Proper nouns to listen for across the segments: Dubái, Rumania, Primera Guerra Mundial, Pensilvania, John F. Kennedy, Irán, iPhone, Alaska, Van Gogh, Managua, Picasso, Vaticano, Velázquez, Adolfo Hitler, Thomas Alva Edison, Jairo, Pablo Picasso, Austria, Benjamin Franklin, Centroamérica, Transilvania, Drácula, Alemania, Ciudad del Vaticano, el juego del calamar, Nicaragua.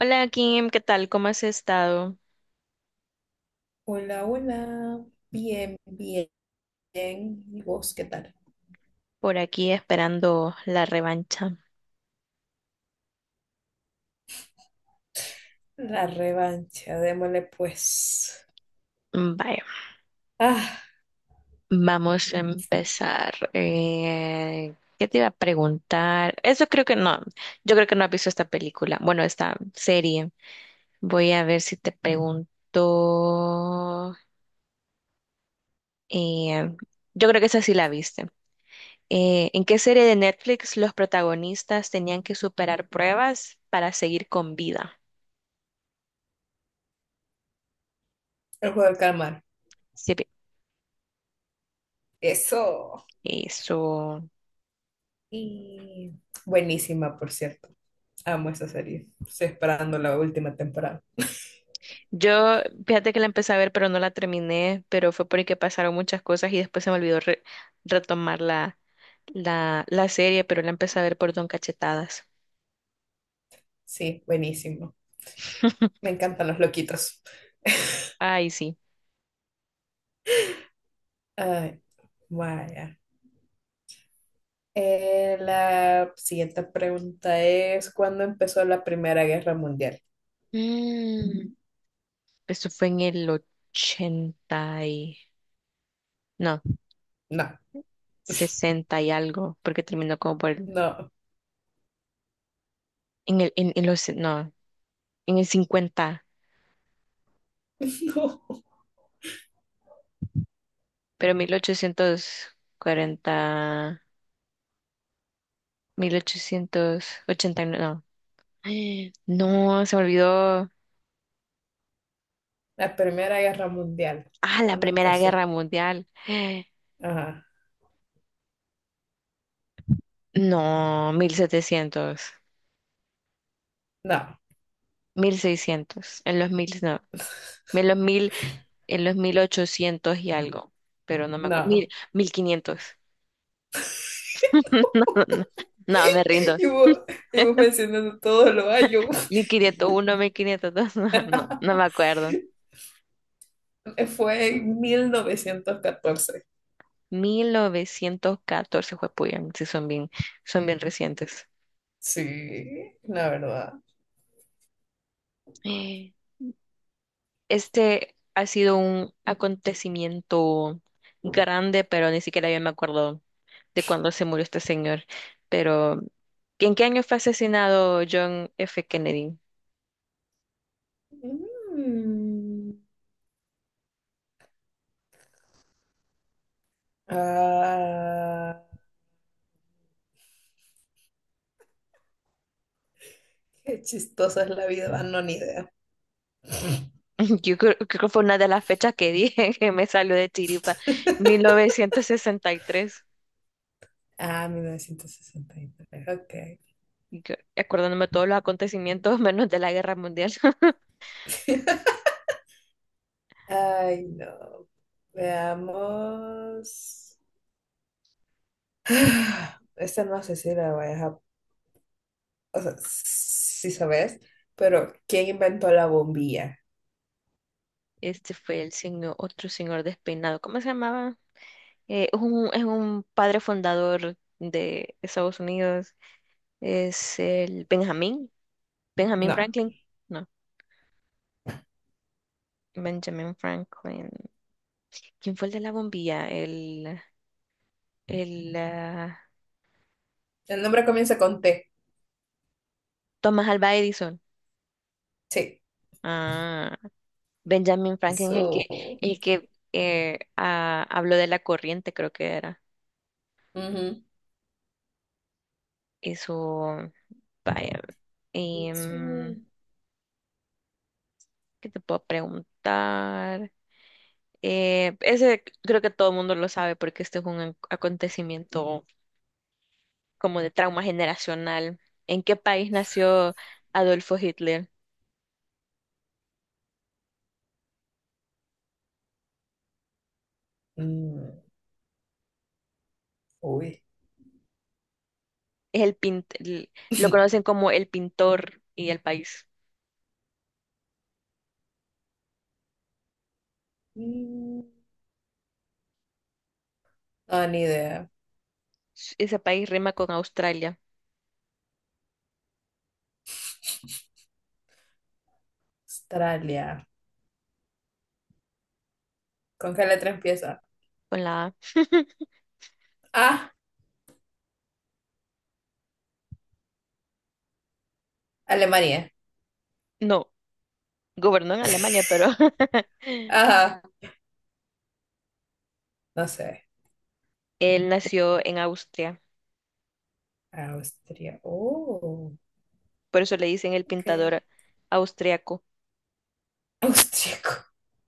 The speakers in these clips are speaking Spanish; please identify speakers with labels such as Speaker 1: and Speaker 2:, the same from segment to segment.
Speaker 1: Hola Kim, ¿qué tal? ¿Cómo has estado?
Speaker 2: Hola, hola. Bien, bien. ¿Y vos qué tal?
Speaker 1: Por aquí esperando la revancha.
Speaker 2: La revancha, démosle pues.
Speaker 1: Vaya,
Speaker 2: Ah,
Speaker 1: vamos a empezar. ¿Qué te iba a preguntar? Eso creo que no. Yo creo que no has visto esta película. Bueno, esta serie. Voy a ver si te pregunto. eh, yo creo que esa sí la viste. ¿En qué serie de Netflix los protagonistas tenían que superar pruebas para seguir con vida?
Speaker 2: el juego del calamar.
Speaker 1: Sí,
Speaker 2: Eso.
Speaker 1: eso.
Speaker 2: Y buenísima, por cierto. Amo esa serie. Estoy esperando la última temporada.
Speaker 1: Yo, fíjate que la empecé a ver, pero no la terminé, pero fue porque pasaron muchas cosas y después se me olvidó retomar la serie, pero la empecé a ver por Don Cachetadas.
Speaker 2: Sí, buenísimo. Me encantan los loquitos.
Speaker 1: Ay, sí.
Speaker 2: Ay, vaya. La siguiente pregunta es, ¿cuándo empezó la Primera Guerra Mundial?
Speaker 1: Mm, Eso fue en el ochenta y... No,
Speaker 2: No,
Speaker 1: 60 y algo, porque terminó como por...
Speaker 2: no,
Speaker 1: En el, en los... No, en el cincuenta
Speaker 2: no.
Speaker 1: pero 1840... 1889... No, no, se me olvidó.
Speaker 2: La Primera Guerra Mundial,
Speaker 1: Ah, la
Speaker 2: ¿cuándo
Speaker 1: Primera
Speaker 2: empezó?
Speaker 1: Guerra Mundial.
Speaker 2: Ajá,
Speaker 1: No, 1700,
Speaker 2: no,
Speaker 1: 1600. En los mil, en los 1800 y algo, pero no me acuerdo,
Speaker 2: no.
Speaker 1: mil quinientos. No, no, no, no, me rindo.
Speaker 2: Y vos, y vos mencionando todos los años,
Speaker 1: 1501, 1502, no, no, no me acuerdo.
Speaker 2: fue en 1914.
Speaker 1: 1914, Puyan, sí son bien recientes.
Speaker 2: Sí, la verdad.
Speaker 1: Este ha sido un acontecimiento grande, pero ni siquiera yo me acuerdo de cuándo se murió este señor. Pero, ¿en qué año fue asesinado John F. Kennedy?
Speaker 2: Mm. Ah, qué chistosa es la vida, no, ni idea.
Speaker 1: Yo creo que fue una de las fechas que dije que me salió de chiripa, 1963.
Speaker 2: Ah, 1963, ok.
Speaker 1: Y tres. Acordándome de todos los acontecimientos, menos de la guerra mundial.
Speaker 2: Ay, no. Veamos. Ah, esta no sé si la voy a dejar. O sea, sí sabes, pero ¿quién inventó la bombilla?
Speaker 1: Este fue el señor, otro señor despeinado. ¿Cómo se llamaba? Es un padre fundador de Estados Unidos. Es el Benjamín
Speaker 2: No.
Speaker 1: Franklin. No, Benjamin Franklin. ¿Quién fue el de la bombilla? El ah,
Speaker 2: El nombre comienza con T.
Speaker 1: Thomas Alva Edison.
Speaker 2: Sí.
Speaker 1: Ah, Benjamin Franklin es el
Speaker 2: Eso.
Speaker 1: que, el que eh, ah, habló de la corriente, creo que era.
Speaker 2: Ujú.
Speaker 1: Eso, vaya.
Speaker 2: Eso.
Speaker 1: em, ¿qué te puedo preguntar? Ese creo que todo el mundo lo sabe porque este es un acontecimiento como de trauma generacional. ¿En qué país nació Adolfo Hitler?
Speaker 2: Mm, uy.
Speaker 1: Es el pint, el- lo conocen como el pintor y el país.
Speaker 2: Mm, no, ni idea.
Speaker 1: Ese país rima con Australia,
Speaker 2: Australia. ¿Con qué letra empieza?
Speaker 1: con la A.
Speaker 2: Ah, Alemania.
Speaker 1: No, gobernó en Alemania, pero
Speaker 2: Ajá. No sé.
Speaker 1: él nació en Austria.
Speaker 2: Austria. Oh,
Speaker 1: Por eso le dicen el
Speaker 2: ok.
Speaker 1: pintador austriaco.
Speaker 2: Austriaco.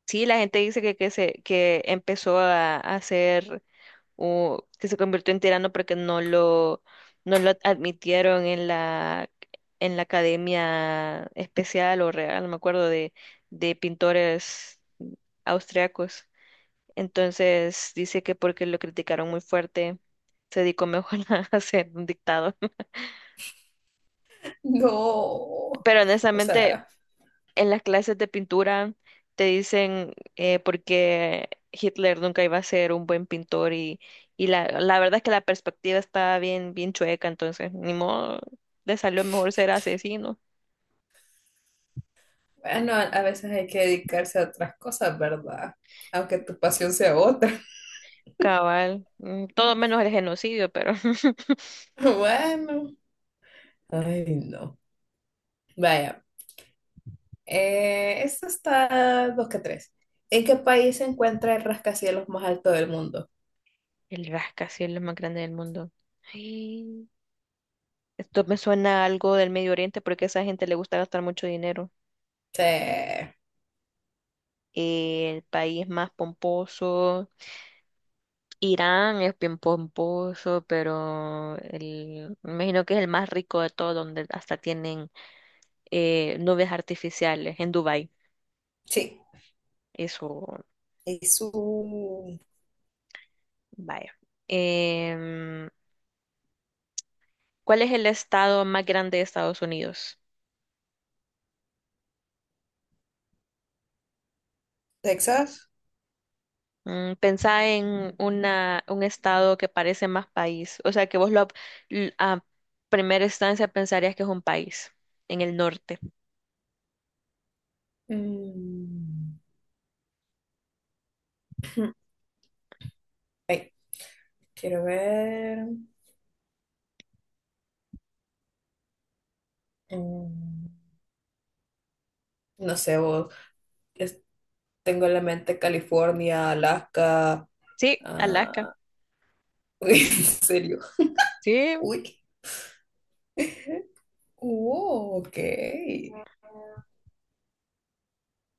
Speaker 1: Sí, la gente dice que empezó a hacer o que se convirtió en tirano porque no lo admitieron en la academia especial o real, no me acuerdo, de pintores austriacos. Entonces dice que porque lo criticaron muy fuerte, se dedicó mejor a ser un dictador.
Speaker 2: No.
Speaker 1: Pero
Speaker 2: O
Speaker 1: honestamente,
Speaker 2: sea,
Speaker 1: en las clases de pintura te dicen por qué Hitler nunca iba a ser un buen pintor y la verdad es que la perspectiva está bien, bien chueca, entonces ni modo, le salió mejor ser asesino.
Speaker 2: bueno, a veces hay que dedicarse a otras cosas, ¿verdad? Aunque tu pasión sea otra.
Speaker 1: Cabal, todo menos el genocidio, pero
Speaker 2: Bueno. Ay, no. Vaya. Esto está dos que tres. ¿En qué país se encuentra el rascacielos más alto del mundo?
Speaker 1: el rascacielos es lo más grande del mundo. Ay, esto me suena a algo del Medio Oriente porque a esa gente le gusta gastar mucho dinero.
Speaker 2: Sí.
Speaker 1: El país más pomposo, Irán es bien pomposo, pero me imagino que es el más rico de todo, donde hasta tienen nubes artificiales en Dubái.
Speaker 2: Sí.
Speaker 1: Eso,
Speaker 2: ¿Es un
Speaker 1: vaya. Em, ¿cuál es el estado más grande de Estados Unidos?
Speaker 2: Texas?
Speaker 1: Pensá en un estado que parece más país, o sea que vos a primera instancia pensarías que es un país en el norte.
Speaker 2: Mm. Ay, quiero ver. Mm. No sé, vos, es- tengo en la mente California, Alaska,
Speaker 1: Sí, Alaska.
Speaker 2: ah, uy, en serio.
Speaker 1: Sí,
Speaker 2: Uy, ok,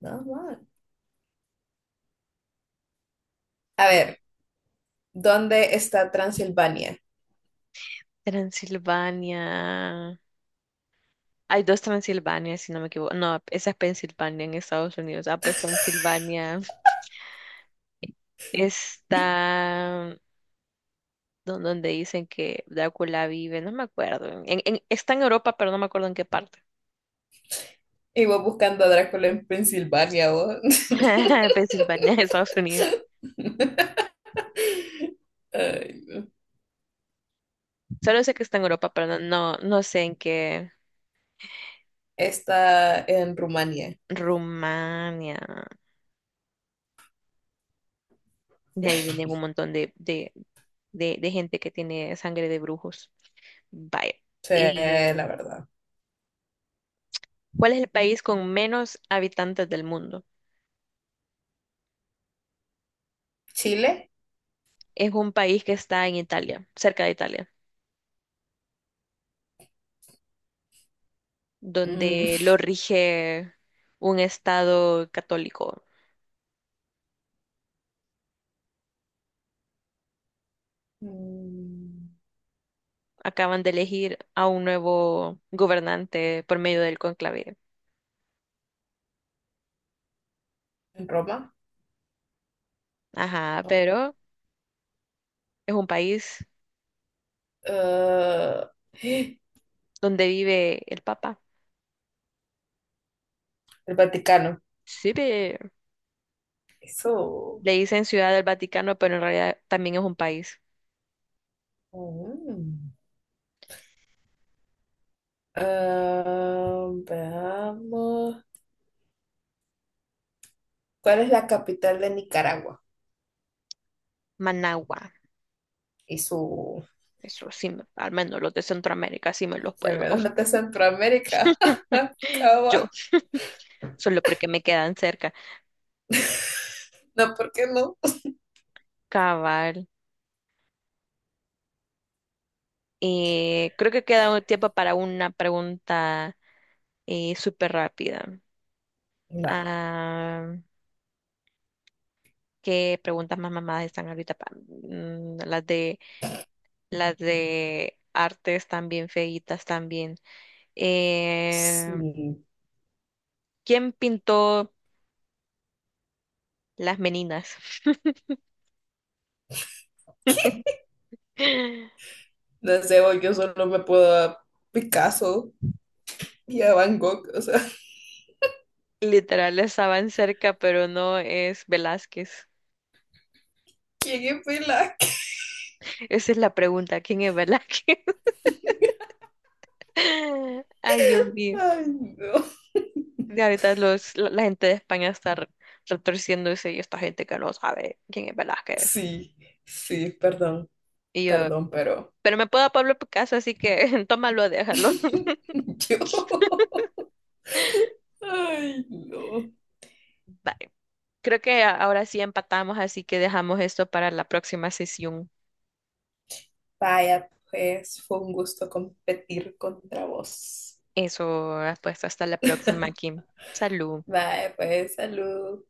Speaker 2: nada mal. A
Speaker 1: vale.
Speaker 2: ver, ¿dónde está Transilvania?
Speaker 1: Transilvania. Hay dos Transilvania, si no me equivoco. No, esa es Pensilvania en Estados Unidos. Ah, pues Transilvania está donde dicen que Drácula vive, no me acuerdo. Está en Europa, pero no me acuerdo en qué parte.
Speaker 2: Y vos buscando a Drácula en Pensilvania, vos.
Speaker 1: Pensilvania, Estados Unidos.
Speaker 2: Ay, no.
Speaker 1: Solo sé que está en Europa, pero no sé en qué.
Speaker 2: Está en Rumania,
Speaker 1: Rumania. De ahí viene un montón de gente que tiene sangre de brujos. Vaya.
Speaker 2: sí,
Speaker 1: Eh,
Speaker 2: la verdad.
Speaker 1: ¿cuál es el país con menos habitantes del mundo?
Speaker 2: Chile,
Speaker 1: Es un país que está en Italia, cerca de Italia,
Speaker 2: mm.
Speaker 1: donde lo rige un estado católico.
Speaker 2: Mm.
Speaker 1: Acaban de elegir a un nuevo gobernante por medio del conclave.
Speaker 2: En Roma,
Speaker 1: Ajá,
Speaker 2: no.
Speaker 1: pero es un país
Speaker 2: Ah, el
Speaker 1: donde vive el Papa.
Speaker 2: Vaticano.
Speaker 1: Sí, ve.
Speaker 2: Eso.
Speaker 1: Le dicen Ciudad del Vaticano, pero en realidad también es un país.
Speaker 2: Mm. Ah, veamos. ¿Cuál es la capital de Nicaragua?
Speaker 1: Managua.
Speaker 2: Y su...
Speaker 1: Eso sí, al menos los de Centroamérica sí me los
Speaker 2: Al
Speaker 1: puedo.
Speaker 2: menos no está Centroamérica.
Speaker 1: Yo,
Speaker 2: Cava.
Speaker 1: solo porque me quedan cerca.
Speaker 2: No, ¿por qué no?
Speaker 1: Cabal. Creo que queda un tiempo para una pregunta súper rápida.
Speaker 2: Va.
Speaker 1: Ah, ¿qué preguntas más mamadas están ahorita? Las de artes también feitas también. Eh,
Speaker 2: Sí.
Speaker 1: ¿quién pintó las meninas?
Speaker 2: No sé, voy, yo solo me puedo a Picasso y a Van Gogh. O sea,
Speaker 1: Literal, estaban cerca, pero no es Velázquez.
Speaker 2: ¿quién es Pilac?
Speaker 1: Esa es la pregunta, ¿quién es Velázquez? Ay, Dios mío.
Speaker 2: Ay, no.
Speaker 1: Y ahorita la gente de España está retorciéndose y esta gente que no sabe quién es Velázquez.
Speaker 2: Sí, sí, perdón,
Speaker 1: Y yo,
Speaker 2: perdón, pero...
Speaker 1: pero me puedo a Pablo Picasso, así que tómalo, déjalo.
Speaker 2: Yo. Ay, no.
Speaker 1: Bye. Creo que ahora sí empatamos, así que dejamos esto para la próxima sesión.
Speaker 2: Vaya, pues fue un gusto competir contra vos.
Speaker 1: Eso, pues hasta la próxima, Kim. Salud.
Speaker 2: Vaya, pues salud.